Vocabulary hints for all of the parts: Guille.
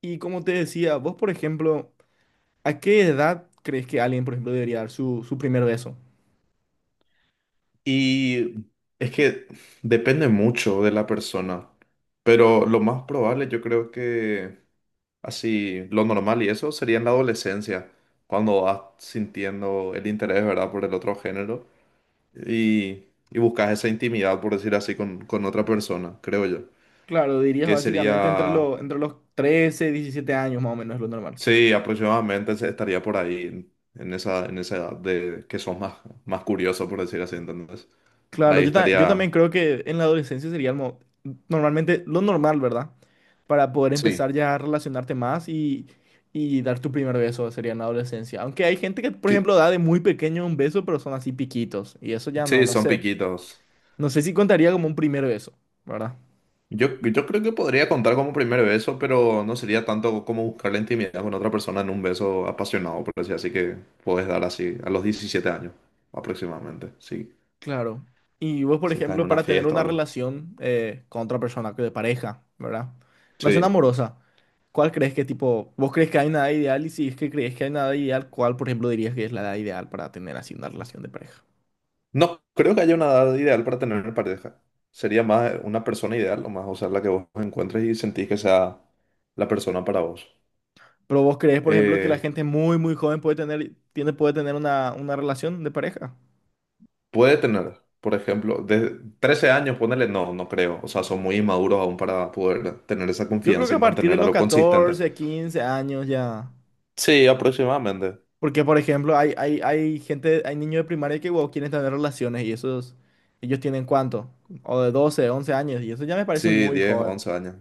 Y como te decía, vos, por ejemplo, ¿a qué edad crees que alguien, por ejemplo, debería dar su primer beso? Y es que depende mucho de la persona, pero lo más probable yo creo que así, lo normal y eso sería en la adolescencia, cuando vas sintiendo el interés, ¿verdad?, por el otro género y, y buscas esa intimidad, por decir así, con otra persona, creo yo, Claro, dirías que básicamente entre, sería, entre los 13 17 años más o menos es lo normal. sí, aproximadamente estaría por ahí, en esa edad de que sos más curioso, por decir así, entonces, Claro, ahí yo también estaría, creo que en la adolescencia sería el normalmente lo normal, ¿verdad? Para poder sí. empezar ya a relacionarte más y dar tu primer beso sería en la adolescencia. Aunque hay gente que, por Sí. ejemplo, da de muy pequeño un beso, pero son así piquitos. Y eso ya no, Sí, no son sé. piquitos. No sé si contaría como un primer beso, ¿verdad? Yo creo que podría contar como primer beso, pero no sería tanto como buscar la intimidad con otra persona en un beso apasionado, por decir así que puedes dar así a los 17 años aproximadamente. Sí, Claro. Y vos, por si estás en ejemplo, una para tener fiesta o una algo. relación con otra persona, que de pareja, ¿verdad? Relación Sí. amorosa. ¿Cuál crees que tipo, vos crees que hay una edad ideal? Y si es que crees que hay una edad ideal, ¿cuál, por ejemplo, dirías que es la edad ideal para tener así una relación de pareja? No, creo que haya una edad ideal para tener pareja. Sería más una persona ideal, o más, o sea, la que vos encuentres y sentís que sea la persona para vos. Pero vos crees, por ejemplo, que la Eh, gente muy, muy joven puede tener, tiene, puede tener una relación de pareja. Puede tener, por ejemplo, de 13 años, ponerle, no, no creo. O sea, son muy inmaduros aún para poder tener esa Yo creo que confianza y a partir de mantener los algo consistente. 14 15 años ya. Sí, aproximadamente. Porque, por ejemplo, hay gente, hay niños de primaria que wow, quieren tener relaciones y esos, ellos tienen cuánto, o de 12 11 años, y eso ya me parece Sí, muy 10, joven. 11 años.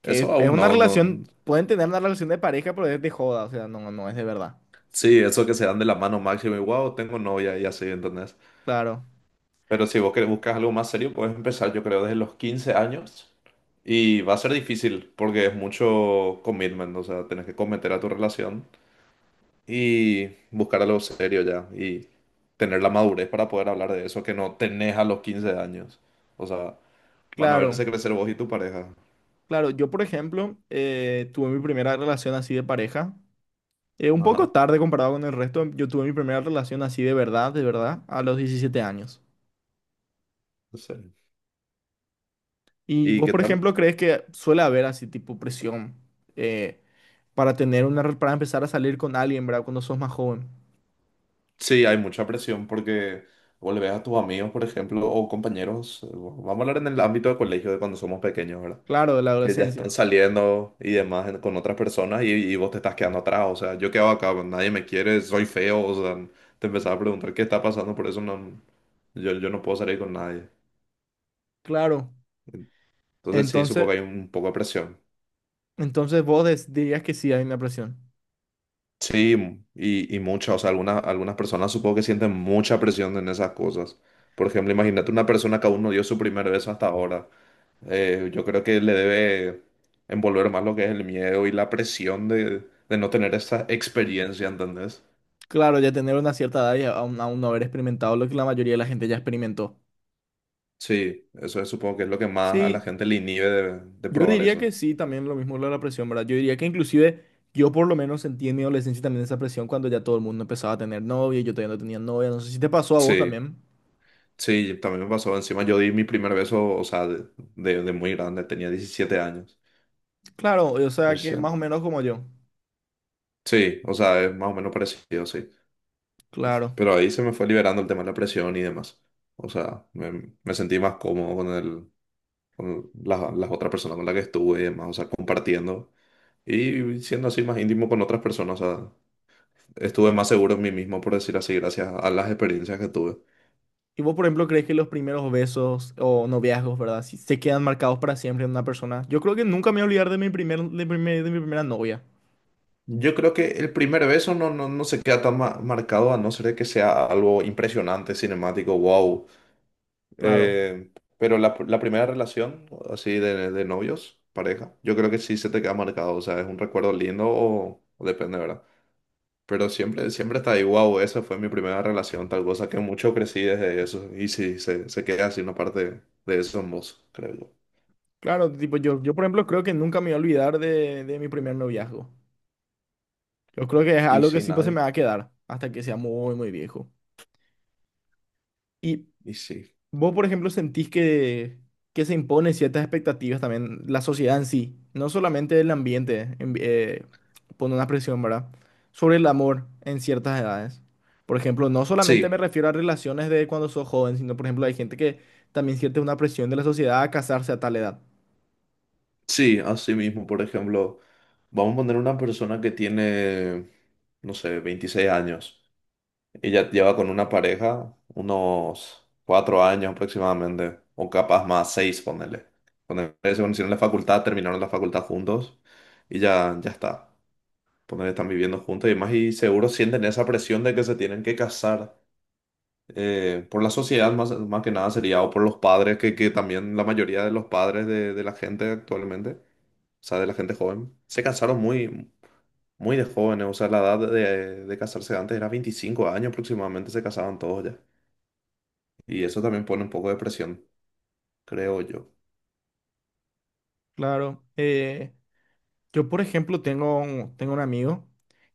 Que Eso es aún una no, relación, no. pueden tener una relación de pareja, pero es de joda, o sea, no, no es de verdad. Sí, eso que se dan de la mano máximo y wow, tengo novia y así, ¿entendés? Claro, Pero si vos querés, buscar algo más serio, puedes empezar, yo creo, desde los 15 años. Y va a ser difícil porque es mucho commitment, o sea, tenés que cometer a tu relación. Y buscar algo serio ya y tener la madurez para poder hablar de eso que no tenés a los 15 años. O sea, van a claro, verse crecer vos y tu pareja. claro. Yo, por ejemplo, tuve mi primera relación así de pareja, un poco Ajá, tarde comparado con el resto, yo tuve mi primera relación así de verdad, a los 17 años. sí. Y ¿Y vos, qué por tal? ejemplo, crees que suele haber así tipo presión eh, para tener una, para empezar a salir con alguien, ¿verdad? Cuando sos más joven. Sí, hay mucha presión porque vos le ves a tus amigos, por ejemplo, o compañeros. Vamos a hablar en el ámbito de colegio de cuando somos pequeños, ¿verdad? Claro, de la Que ya están adolescencia. saliendo y demás con otras personas y vos te estás quedando atrás. O sea, yo quedo acá, nadie me quiere, soy feo. O sea, te empezaba a preguntar qué está pasando, por eso no, yo no puedo salir con nadie. Claro. Entonces sí, supongo Entonces, que hay un poco de presión. entonces vos dirías que sí hay una presión. Sí, y mucha, o sea, algunas personas supongo que sienten mucha presión en esas cosas. Por ejemplo, imagínate una persona que aún no dio su primer beso hasta ahora. Yo creo que le debe envolver más lo que es el miedo y la presión de no tener esa experiencia, ¿entendés? Claro, ya tener una cierta edad y aún, aún no haber experimentado lo que la mayoría de la gente ya experimentó. Sí, eso supongo que es lo que más a la Sí, gente le inhibe de yo probar diría que eso. sí, también lo mismo lo de la presión, ¿verdad? Yo diría que inclusive yo por lo menos sentí en mi adolescencia también esa presión cuando ya todo el mundo empezaba a tener novia, yo todavía no tenía novia. No sé si te pasó a vos Sí, también. sí, también me pasó. Encima yo di mi primer beso, o sea, de muy grande, tenía 17 años Claro, o sea que más recién. o menos como yo. Sí, o sea, es más o menos parecido, sí. Claro. Pero ahí se me fue liberando el tema de la presión y demás. O sea, me sentí más cómodo con las otras personas con las que estuve y demás, o sea, compartiendo y siendo así más íntimo con otras personas. O sea, estuve más seguro en mí mismo, por decir así, gracias a las experiencias que tuve. ¿Y vos, por ejemplo, crees que los primeros besos o noviazgos, ¿verdad? Si se quedan marcados para siempre en una persona. Yo creo que nunca me voy a olvidar de mi primer, de de mi primera novia. Yo creo que el primer beso no, no, no se queda tan marcado a no ser de que sea algo impresionante, cinemático, wow. Claro. Eh, pero la primera relación, así de novios, pareja, yo creo que sí se te queda marcado. O sea, es un recuerdo lindo o depende, ¿verdad? Pero siempre, siempre está ahí, wow, esa fue mi primera relación, tal cosa que mucho crecí desde eso. Y sí, se queda así una parte de eso en vos, creo yo. Claro, tipo, por ejemplo, creo que nunca me voy a olvidar de mi primer noviazgo. Yo creo que es Y algo que sí, sí pues, se me nadie. va a quedar hasta que sea muy, muy viejo. Y, Y sí. vos, por ejemplo, sentís que se imponen ciertas expectativas también, la sociedad en sí, no solamente el ambiente pone una presión, ¿verdad? Sobre el amor en ciertas edades. Por ejemplo, no solamente me Sí. refiero a relaciones de cuando sos joven, sino, por ejemplo, hay gente que también siente una presión de la sociedad a casarse a tal edad. Sí, así mismo, por ejemplo, vamos a poner una persona que tiene, no sé, 26 años. Ella lleva con una pareja unos 4 años aproximadamente, o capaz más, 6 ponele. Ponele, se conocieron en la facultad, terminaron la facultad juntos y ya, ya está. Ponele, están viviendo juntos y demás y seguro sienten esa presión de que se tienen que casar. Por la sociedad más que nada sería, o por los padres, que también la mayoría de los padres de la gente actualmente, o sea, de la gente joven. Se casaron muy, muy de jóvenes, o sea, la edad de casarse antes era 25 años aproximadamente, se casaban todos ya. Y eso también pone un poco de presión, creo yo. Claro. Yo, por ejemplo, tengo un amigo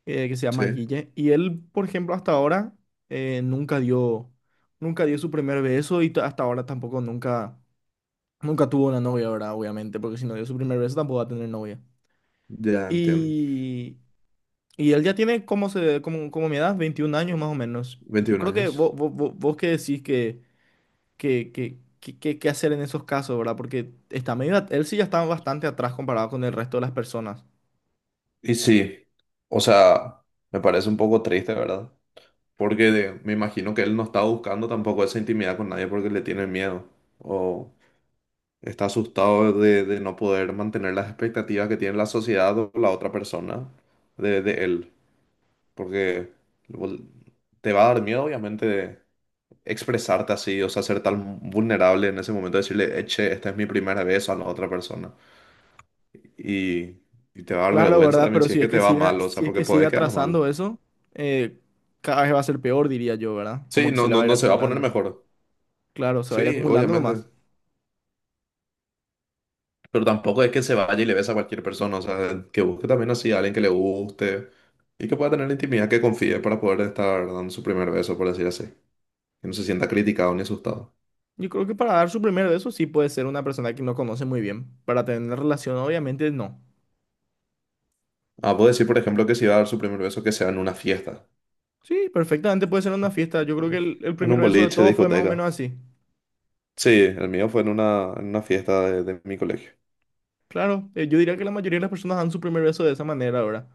que se llama Sí, Guille y él, por ejemplo, hasta ahora eh, nunca dio, nunca dio su primer beso y hasta ahora tampoco nunca, nunca tuvo una novia, ¿verdad? Obviamente, porque si no dio su primer beso tampoco va a tener novia. ya entiendo. Y, y él ya tiene como, se, como, como mi edad, 21 años más o menos. Y yo 21 creo que vos, años. vos, vos, vos qué decís que, qué hacer en esos casos, ¿verdad? Porque está medio, él sí ya está bastante atrás comparado con el resto de las personas. Y sí, o sea, me parece un poco triste, ¿verdad? Porque me imagino que él no está buscando tampoco esa intimidad con nadie porque le tiene miedo o está asustado de no poder mantener las expectativas que tiene la sociedad o la otra persona de él. Porque vol- te va a dar miedo, obviamente, expresarte así, o sea, ser tan vulnerable en ese momento, decirle, "Che, esta es mi primera vez a la otra persona. Y, y te va a dar Claro, vergüenza ¿verdad? también Pero si es si es que te que va siga, mal, o si sea, es porque que podés siga quedar mal. trazando eso, eh, cada vez va a ser peor, diría yo, ¿verdad? Como Sí, que se no, le va no, a ir no se va a poner acumulando. mejor. Claro, se va a ir Sí, acumulando nomás. obviamente. Pero tampoco es que se vaya y le besa a cualquier persona, o sea, que busque también así a alguien que le guste y que pueda tener intimidad, que confíe para poder estar dando su primer beso, por decir así. Que no se sienta criticado ni asustado. Yo creo que para dar su primer beso sí puede ser una persona que no conoce muy bien. Para tener una relación, obviamente no. Ah, puedo decir, por ejemplo, que si va a dar su primer beso, que sea en una fiesta. Sí, perfectamente puede ser una fiesta. Yo creo que el En primer un beso de boliche, todos fue más o discoteca. menos así. Sí, el mío fue en una fiesta de mi colegio. Claro, yo diría que la mayoría de las personas dan su primer beso de esa manera, ¿verdad?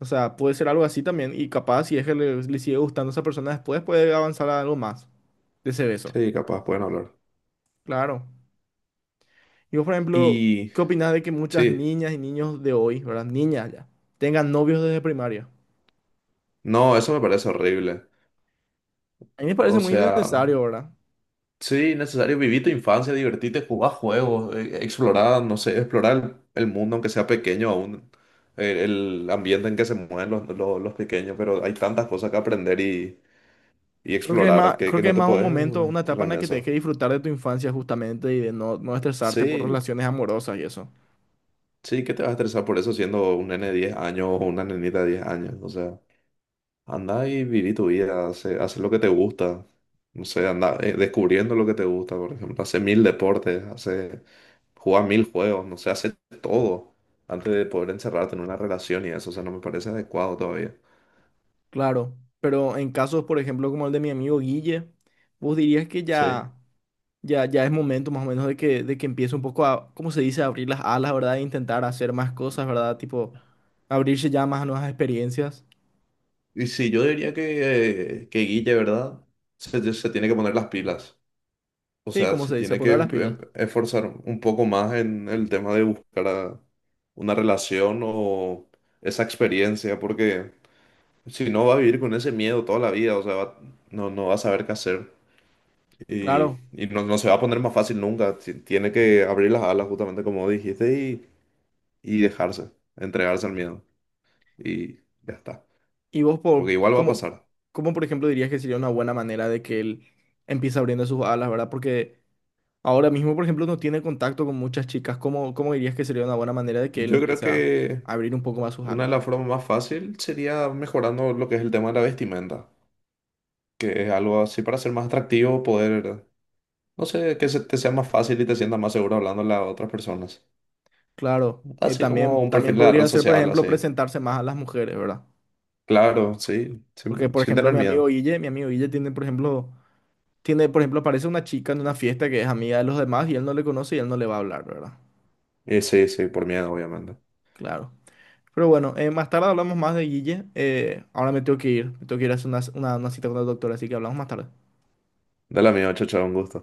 O sea, puede ser algo así también. Y capaz, si es que le sigue gustando a esa persona después, puede avanzar a algo más de ese beso. Sí, capaz pueden hablar. Claro. Digo, por ejemplo, Y ¿qué opinas de que muchas sí, niñas y niños de hoy, ¿verdad? Niñas ya, tengan novios desde primaria? no, eso me parece horrible. A mí me parece O muy sea, innecesario, ¿verdad? sí, necesario vivir tu infancia, divertirte, jugar juegos, explorar, no sé, explorar el mundo, aunque sea pequeño aún, el ambiente en que se mueven los pequeños, pero hay tantas cosas que aprender y Creo que es más, explorar que, creo que que no es te más un puedes momento, una etapa cerrar en en la que tenés que eso. disfrutar de tu infancia justamente y de no, no estresarte por Sí, relaciones amorosas y eso. sí, ¿qué te vas a estresar por eso siendo un nene de 10 años o una nenita de 10 años? O sea, anda y viví tu vida, hace lo que te gusta. No sé, anda descubriendo lo que te gusta, por ejemplo. Hace mil deportes, juega mil juegos, no sé, hace todo antes de poder encerrarte en una relación y eso. O sea, no me parece adecuado todavía. Claro, pero en casos, por ejemplo, como el de mi amigo Guille, vos dirías que Sí. ya, ya es momento más o menos de que empiece un poco a, ¿cómo se dice?, abrir las alas, ¿verdad? E intentar hacer más cosas, ¿verdad? Tipo, abrirse ya más a nuevas experiencias. Y sí, yo diría que Guille, ¿verdad? Se tiene que poner las pilas. O Sí, sea, como se se dice, tiene que poner las pilas. Esforzar un poco más en el tema de buscar una relación o esa experiencia, porque si no va a vivir con ese miedo toda la vida, o sea, no, no va a saber qué hacer y, Claro. y no, no se va a poner más fácil nunca. Tiene que abrir las alas, justamente como dijiste, y dejarse, entregarse al miedo y ya está, Y vos, por, porque igual va a ¿cómo, pasar. cómo, por ejemplo, dirías que sería una buena manera de que él empiece abriendo sus alas, ¿verdad? Porque ahora mismo, por ejemplo, no tiene contacto con muchas chicas. ¿Cómo, cómo dirías que sería una buena manera de que él Yo creo empiece a que abrir un poco más sus una de alas? las formas más fácil sería mejorando lo que es el tema de la vestimenta. Que es algo así para ser más atractivo, poder, no sé, que se te sea más fácil y te sientas más seguro hablando a otras personas. Claro. Así como También, un perfil también de la red podría ser, por social, ejemplo, así. presentarse más a las mujeres, ¿verdad? Claro, sí, Porque, sin, por sin ejemplo, tener miedo. Mi amigo Guille tiene, por ejemplo, aparece una chica en una fiesta que es amiga de los demás y él no le conoce y él no le va a hablar, ¿verdad? Y sí, sí, por miedo, obviamente. Claro. Pero bueno, más tarde hablamos más de Guille. Ahora me tengo que ir. Me tengo que ir a hacer una, una cita con el doctor, así que hablamos más tarde. Dale amigo, chao, chao, un gusto.